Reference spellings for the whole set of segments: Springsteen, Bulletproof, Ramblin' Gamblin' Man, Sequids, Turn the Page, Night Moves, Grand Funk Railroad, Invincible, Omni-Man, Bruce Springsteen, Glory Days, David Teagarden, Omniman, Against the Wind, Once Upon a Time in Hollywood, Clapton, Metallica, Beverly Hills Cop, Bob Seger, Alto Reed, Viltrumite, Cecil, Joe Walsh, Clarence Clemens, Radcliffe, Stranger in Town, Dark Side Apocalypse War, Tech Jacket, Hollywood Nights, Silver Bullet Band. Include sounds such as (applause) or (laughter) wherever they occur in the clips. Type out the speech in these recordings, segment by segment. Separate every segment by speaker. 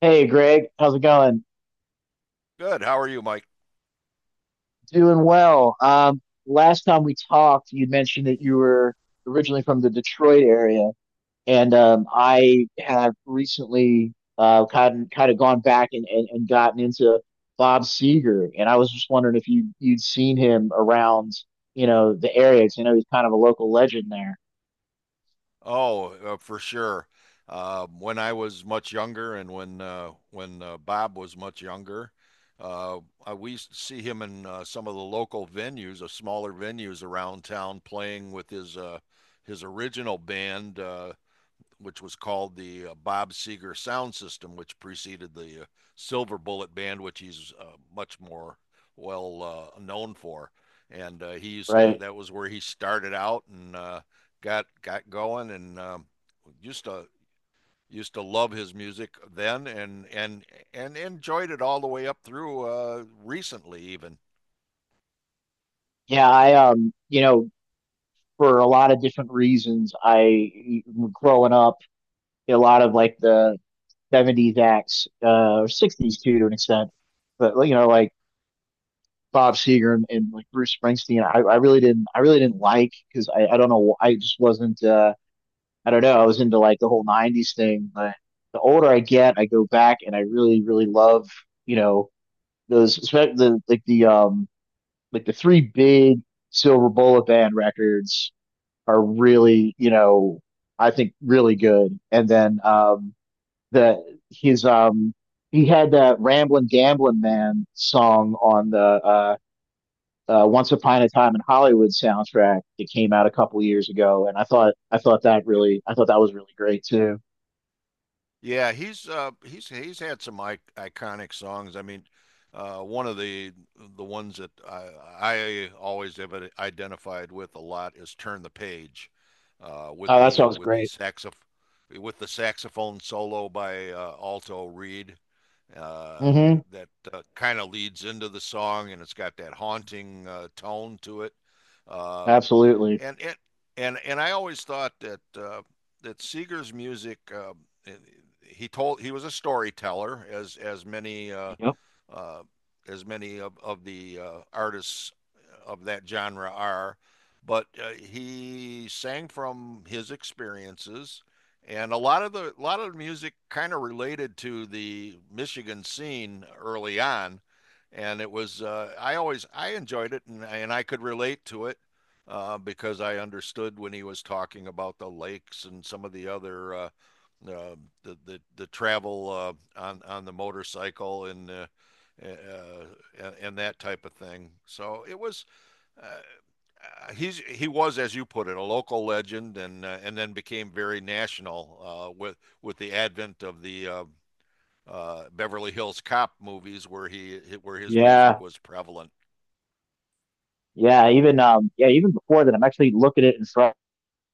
Speaker 1: Hey Greg, how's it going?
Speaker 2: Good. How are you, Mike?
Speaker 1: Doing well. Last time we talked, you mentioned that you were originally from the Detroit area, and I have recently kind of gone back and, and gotten into Bob Seger, and I was just wondering if you'd seen him around, you know, the area. 'Cause I know he's kind of a local legend there,
Speaker 2: Oh, for sure. When I was much younger, and when Bob was much younger, uh, we used to see him in some of the local venues, the smaller venues around town, playing with his original band. Which was called the Bob Seger sound system, which preceded the Silver Bullet band, which he's much more well known for. And he used to,
Speaker 1: right?
Speaker 2: that was where he started out and got going, and used to used to love his music then, and enjoyed it all the way up through recently, even.
Speaker 1: Yeah, I you know, for a lot of different reasons, I growing up. A lot of like the '70s acts or '60s too to an extent. But like, you know, like Bob Seger and like Bruce Springsteen, I really didn't like because I don't know I just wasn't I don't know I was into like the whole '90s thing. But the older I get, I go back and I really love, you know, those, the, like the like the three big Silver Bullet Band records are really, you know, I think really good. And then the his he had that Ramblin' Gamblin' Man song on the Once Upon a Time in Hollywood soundtrack that came out a couple years ago, and I thought that really I thought that was really great too.
Speaker 2: Yeah, he's he's had some I iconic songs. I mean, one of the ones that I always have identified with a lot is Turn the Page
Speaker 1: Oh, that sounds
Speaker 2: with the
Speaker 1: great.
Speaker 2: saxoph with the saxophone solo by Alto Reed uh
Speaker 1: Mm-hmm.
Speaker 2: that kind of leads into the song, and it's got that haunting tone to it. Uh
Speaker 1: Absolutely.
Speaker 2: and it and I always thought that that Seeger's music. He told he was a storyteller, as
Speaker 1: Yep.
Speaker 2: uh, as many of the artists of that genre are. But he sang from his experiences, and a lot of the music kind of related to the Michigan scene early on, and it was, I always I enjoyed it, and I could relate to it because I understood when he was talking about the lakes and some of the other uh, the travel on the motorcycle uh, and that type of thing. So it was. Uh, he's he was, as you put it, a local legend, and then became very national with the advent of the Beverly Hills Cop movies, where he where his music
Speaker 1: Yeah.
Speaker 2: was prevalent.
Speaker 1: Yeah. Even yeah, even before that, I'm actually looking at it in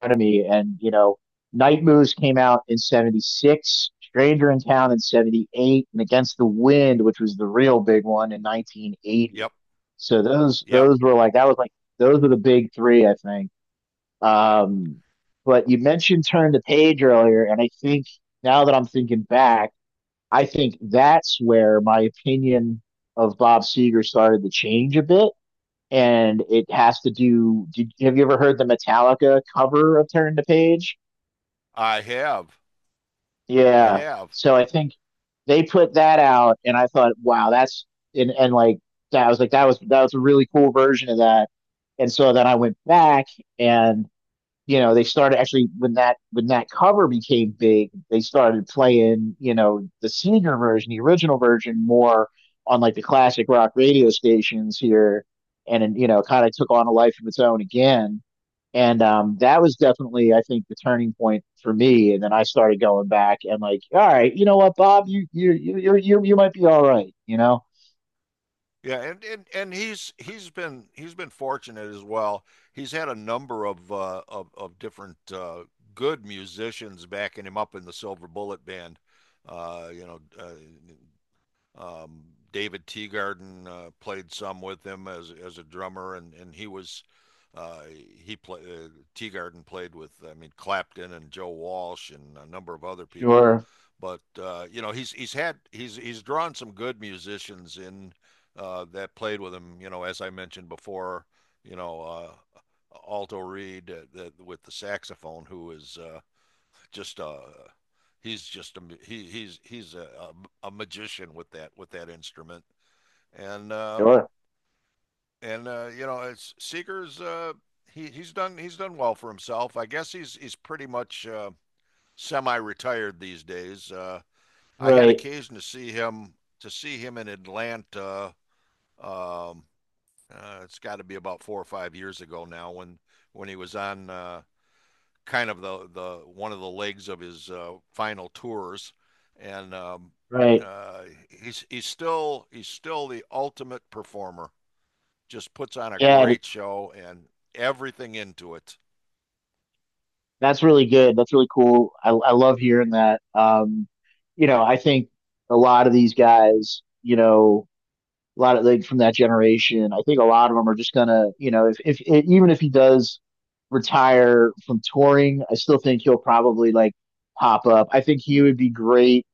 Speaker 1: front of me. And, you know, Night Moves came out in '76, Stranger in Town in '78, and Against the Wind, which was the real big one in 1980.
Speaker 2: Yep,
Speaker 1: So those
Speaker 2: yep.
Speaker 1: those were like that was like those were the big three, I think. Um, but you mentioned Turn the Page earlier, and I think now that I'm thinking back, I think that's where my opinion of Bob Seger started to change a bit. And it has to have you ever heard the Metallica cover of Turn the Page?
Speaker 2: I have, I
Speaker 1: Yeah.
Speaker 2: have.
Speaker 1: So I think they put that out and I thought, wow, that's and like that I was like that was a really cool version of that. And so then I went back and, you know, they started actually when that cover became big, they started playing, you know, the senior version, the original version more on like the classic rock radio stations here, and then, you know, kind of took on a life of its own again, and that was definitely, I think, the turning point for me. And then I started going back and like, all right, you know what, Bob, you might be all right, you know?
Speaker 2: Yeah, and he's been he's been fortunate as well. He's had a number of of different good musicians backing him up in the Silver Bullet Band. Uh, you know, uh, um, David Teagarden played some with him as a drummer, and he was, uh, he played, Teagarden played with, I mean, Clapton and Joe Walsh and a number of other people,
Speaker 1: Sure.
Speaker 2: but you know he's had he's drawn some good musicians in that played with him. You know, as I mentioned before, you know, Alto Reed, the, with the saxophone, who is, just a, he's just a, he's a magician with that instrument, and uh,
Speaker 1: Sure.
Speaker 2: and you know it's Seeger's, he he's done well for himself. I guess he's pretty much semi-retired these days. I had
Speaker 1: Right.
Speaker 2: occasion to see him in Atlanta, um, it's got to be about 4 or 5 years ago now when he was on. Kind of the one of the legs of his final tours, and
Speaker 1: Right.
Speaker 2: uh, he's still he's still the ultimate performer. Just puts on a
Speaker 1: Yeah.
Speaker 2: great show and everything into it.
Speaker 1: That's really good. That's really cool. I love hearing that. You know, I think a lot of these guys, you know, a lot of like from that generation, I think a lot of them are just gonna, you know, if it, even if he does retire from touring, I still think he'll probably like pop up. I think he would be great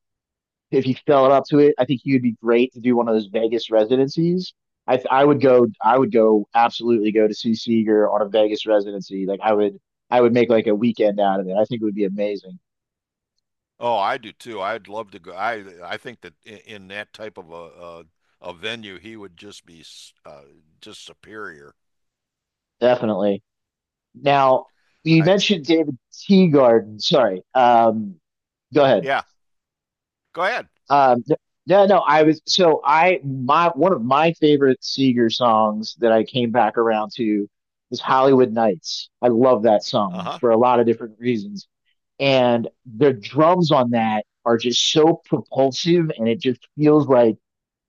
Speaker 1: if he felt up to it, I think he would be great to do one of those Vegas residencies. I would go, absolutely go to see Seager on a Vegas residency. Like I would, I would make like a weekend out of it. I think it would be amazing.
Speaker 2: Oh, I do too. I'd love to go. I think that in that type of a venue, he would just be, uh, just superior.
Speaker 1: Definitely. Now you
Speaker 2: I
Speaker 1: mentioned David Teagarden. Sorry. Go ahead.
Speaker 2: Yeah. Go ahead.
Speaker 1: Um, no, no, I was so I my, one of my favorite Seeger songs that I came back around to was Hollywood Nights. I love that
Speaker 2: Uh
Speaker 1: song
Speaker 2: huh.
Speaker 1: for a lot of different reasons. And the drums on that are just so propulsive and it just feels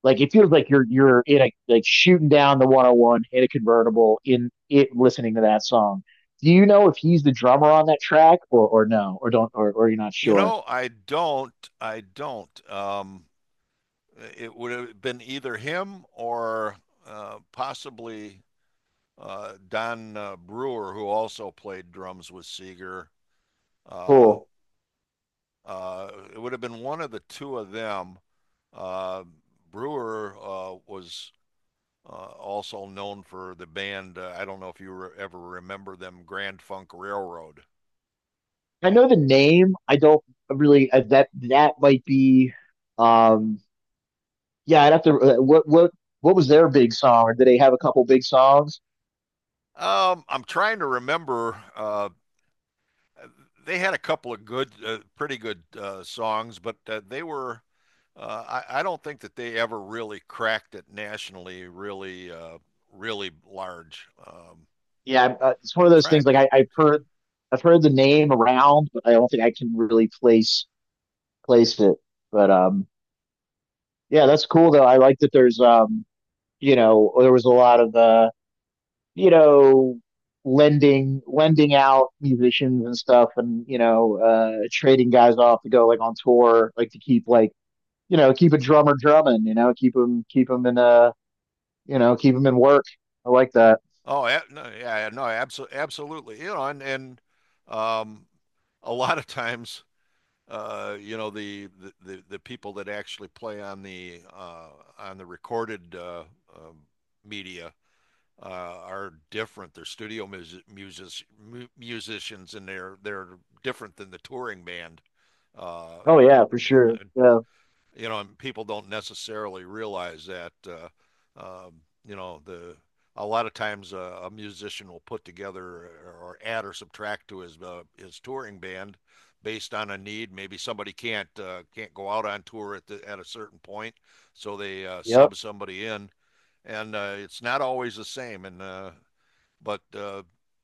Speaker 1: like it feels like you're in a like shooting down the 101 in a convertible in it listening to that song. Do you know if he's the drummer on that track, or no, or don't or you're not
Speaker 2: You
Speaker 1: sure?
Speaker 2: know, I don't. I don't. It would have been either him or possibly Don Brewer, who also played drums with Seeger. Uh,
Speaker 1: Cool.
Speaker 2: it would have been one of the two of them. Uh, Brewer was also known for the band. I don't know if you ever remember them, Grand Funk Railroad.
Speaker 1: I know the name, I don't really that that might be um yeah, I'd have to what was their big song, or did they have a couple big songs?
Speaker 2: I'm trying to remember, they had a couple of good, pretty good songs, but they were. I don't think that they ever really cracked it nationally, really, really large.
Speaker 1: Yeah, it's one
Speaker 2: I'm
Speaker 1: of those
Speaker 2: trying
Speaker 1: things. Like
Speaker 2: to.
Speaker 1: I've I've heard the name around, but I don't think I can really place it. But yeah, that's cool though. I like that there's you know, there was a lot of you know, lending out musicians and stuff, and, you know, trading guys off to go like on tour, like to keep like, you know, keep a drummer drumming, you know, keep him in you know, keep him in work. I like that.
Speaker 2: Oh, no, yeah, no, absolutely, absolutely. You know, and, um, a lot of times, you know, the people that actually play on the recorded um media are different. They're studio music, music musicians, and they're different than the touring band. Uh,
Speaker 1: Oh yeah, for
Speaker 2: and
Speaker 1: sure. Yeah.
Speaker 2: you know, and people don't necessarily realize that, um, you know, the a lot of times a musician will put together or add or subtract to his touring band based on a need. Maybe somebody can't go out on tour at a certain point, so they
Speaker 1: Yep.
Speaker 2: sub somebody in, and it's not always the same. And but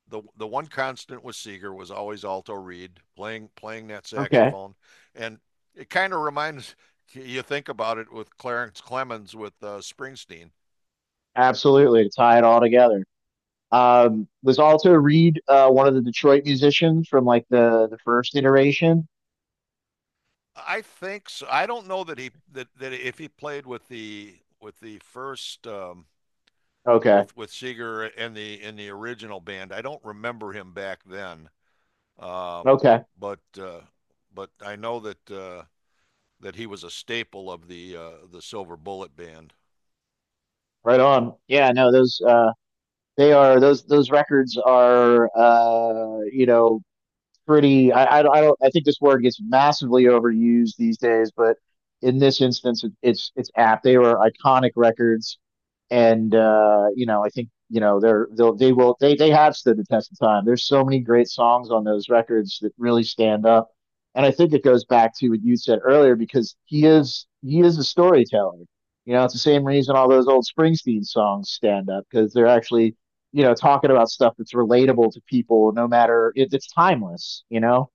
Speaker 2: the one constant with Seeger was always alto reed playing that
Speaker 1: Okay.
Speaker 2: saxophone, and it kind of reminds you, think about it with Clarence Clemens with Springsteen.
Speaker 1: Absolutely, to tie it all together. Was Alto Reed one of the Detroit musicians from like the first iteration?
Speaker 2: I think so. I don't know that if he played with the first,
Speaker 1: Okay,
Speaker 2: with Seeger and the in the original band. I don't remember him back then, um,
Speaker 1: okay,
Speaker 2: but uh, but I know that that he was a staple of the Silver Bullet band.
Speaker 1: right on. Yeah, no, those they are, those records are you know, pretty. I don't. I think this word gets massively overused these days, but in this instance, it's apt. They were iconic records, and you know, I think, you know, they're they'll they will they have stood the test of time. There's so many great songs on those records that really stand up, and I think it goes back to what you said earlier because he is a storyteller. You know, it's the same reason all those old Springsteen songs stand up because they're actually, you know, talking about stuff that's relatable to people, no matter it's timeless, you know?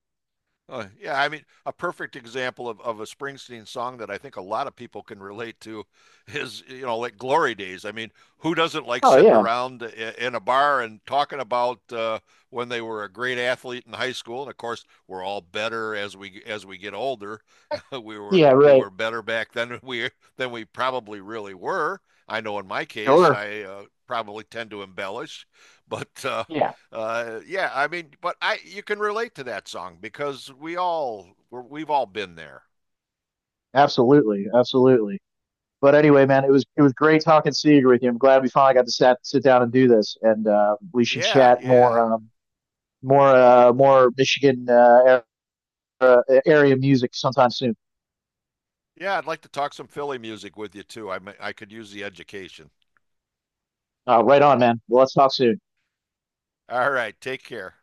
Speaker 2: Yeah, I mean, a perfect example of a Springsteen song that I think a lot of people can relate to is, you know, like Glory Days. I mean, who doesn't like
Speaker 1: Oh,
Speaker 2: sitting
Speaker 1: yeah.
Speaker 2: around in a bar and talking about when they were a great athlete in high school? And of course, we're all better as we get older. (laughs)
Speaker 1: Yeah,
Speaker 2: We
Speaker 1: right.
Speaker 2: were better back then than we probably really were. I know in my case,
Speaker 1: Sure.
Speaker 2: I probably tend to embellish, but
Speaker 1: Yeah,
Speaker 2: yeah, I mean, but I you can relate to that song because we've all been there.
Speaker 1: absolutely. Absolutely. But anyway, man, it was great talking Seeger with you. I'm glad we finally got to sit down and do this, and we should
Speaker 2: Yeah,
Speaker 1: chat more
Speaker 2: yeah,
Speaker 1: more more Michigan area music sometime soon.
Speaker 2: yeah. I'd like to talk some Philly music with you too. I could use the education.
Speaker 1: Right on, man. Well, let's talk soon.
Speaker 2: All right, take care.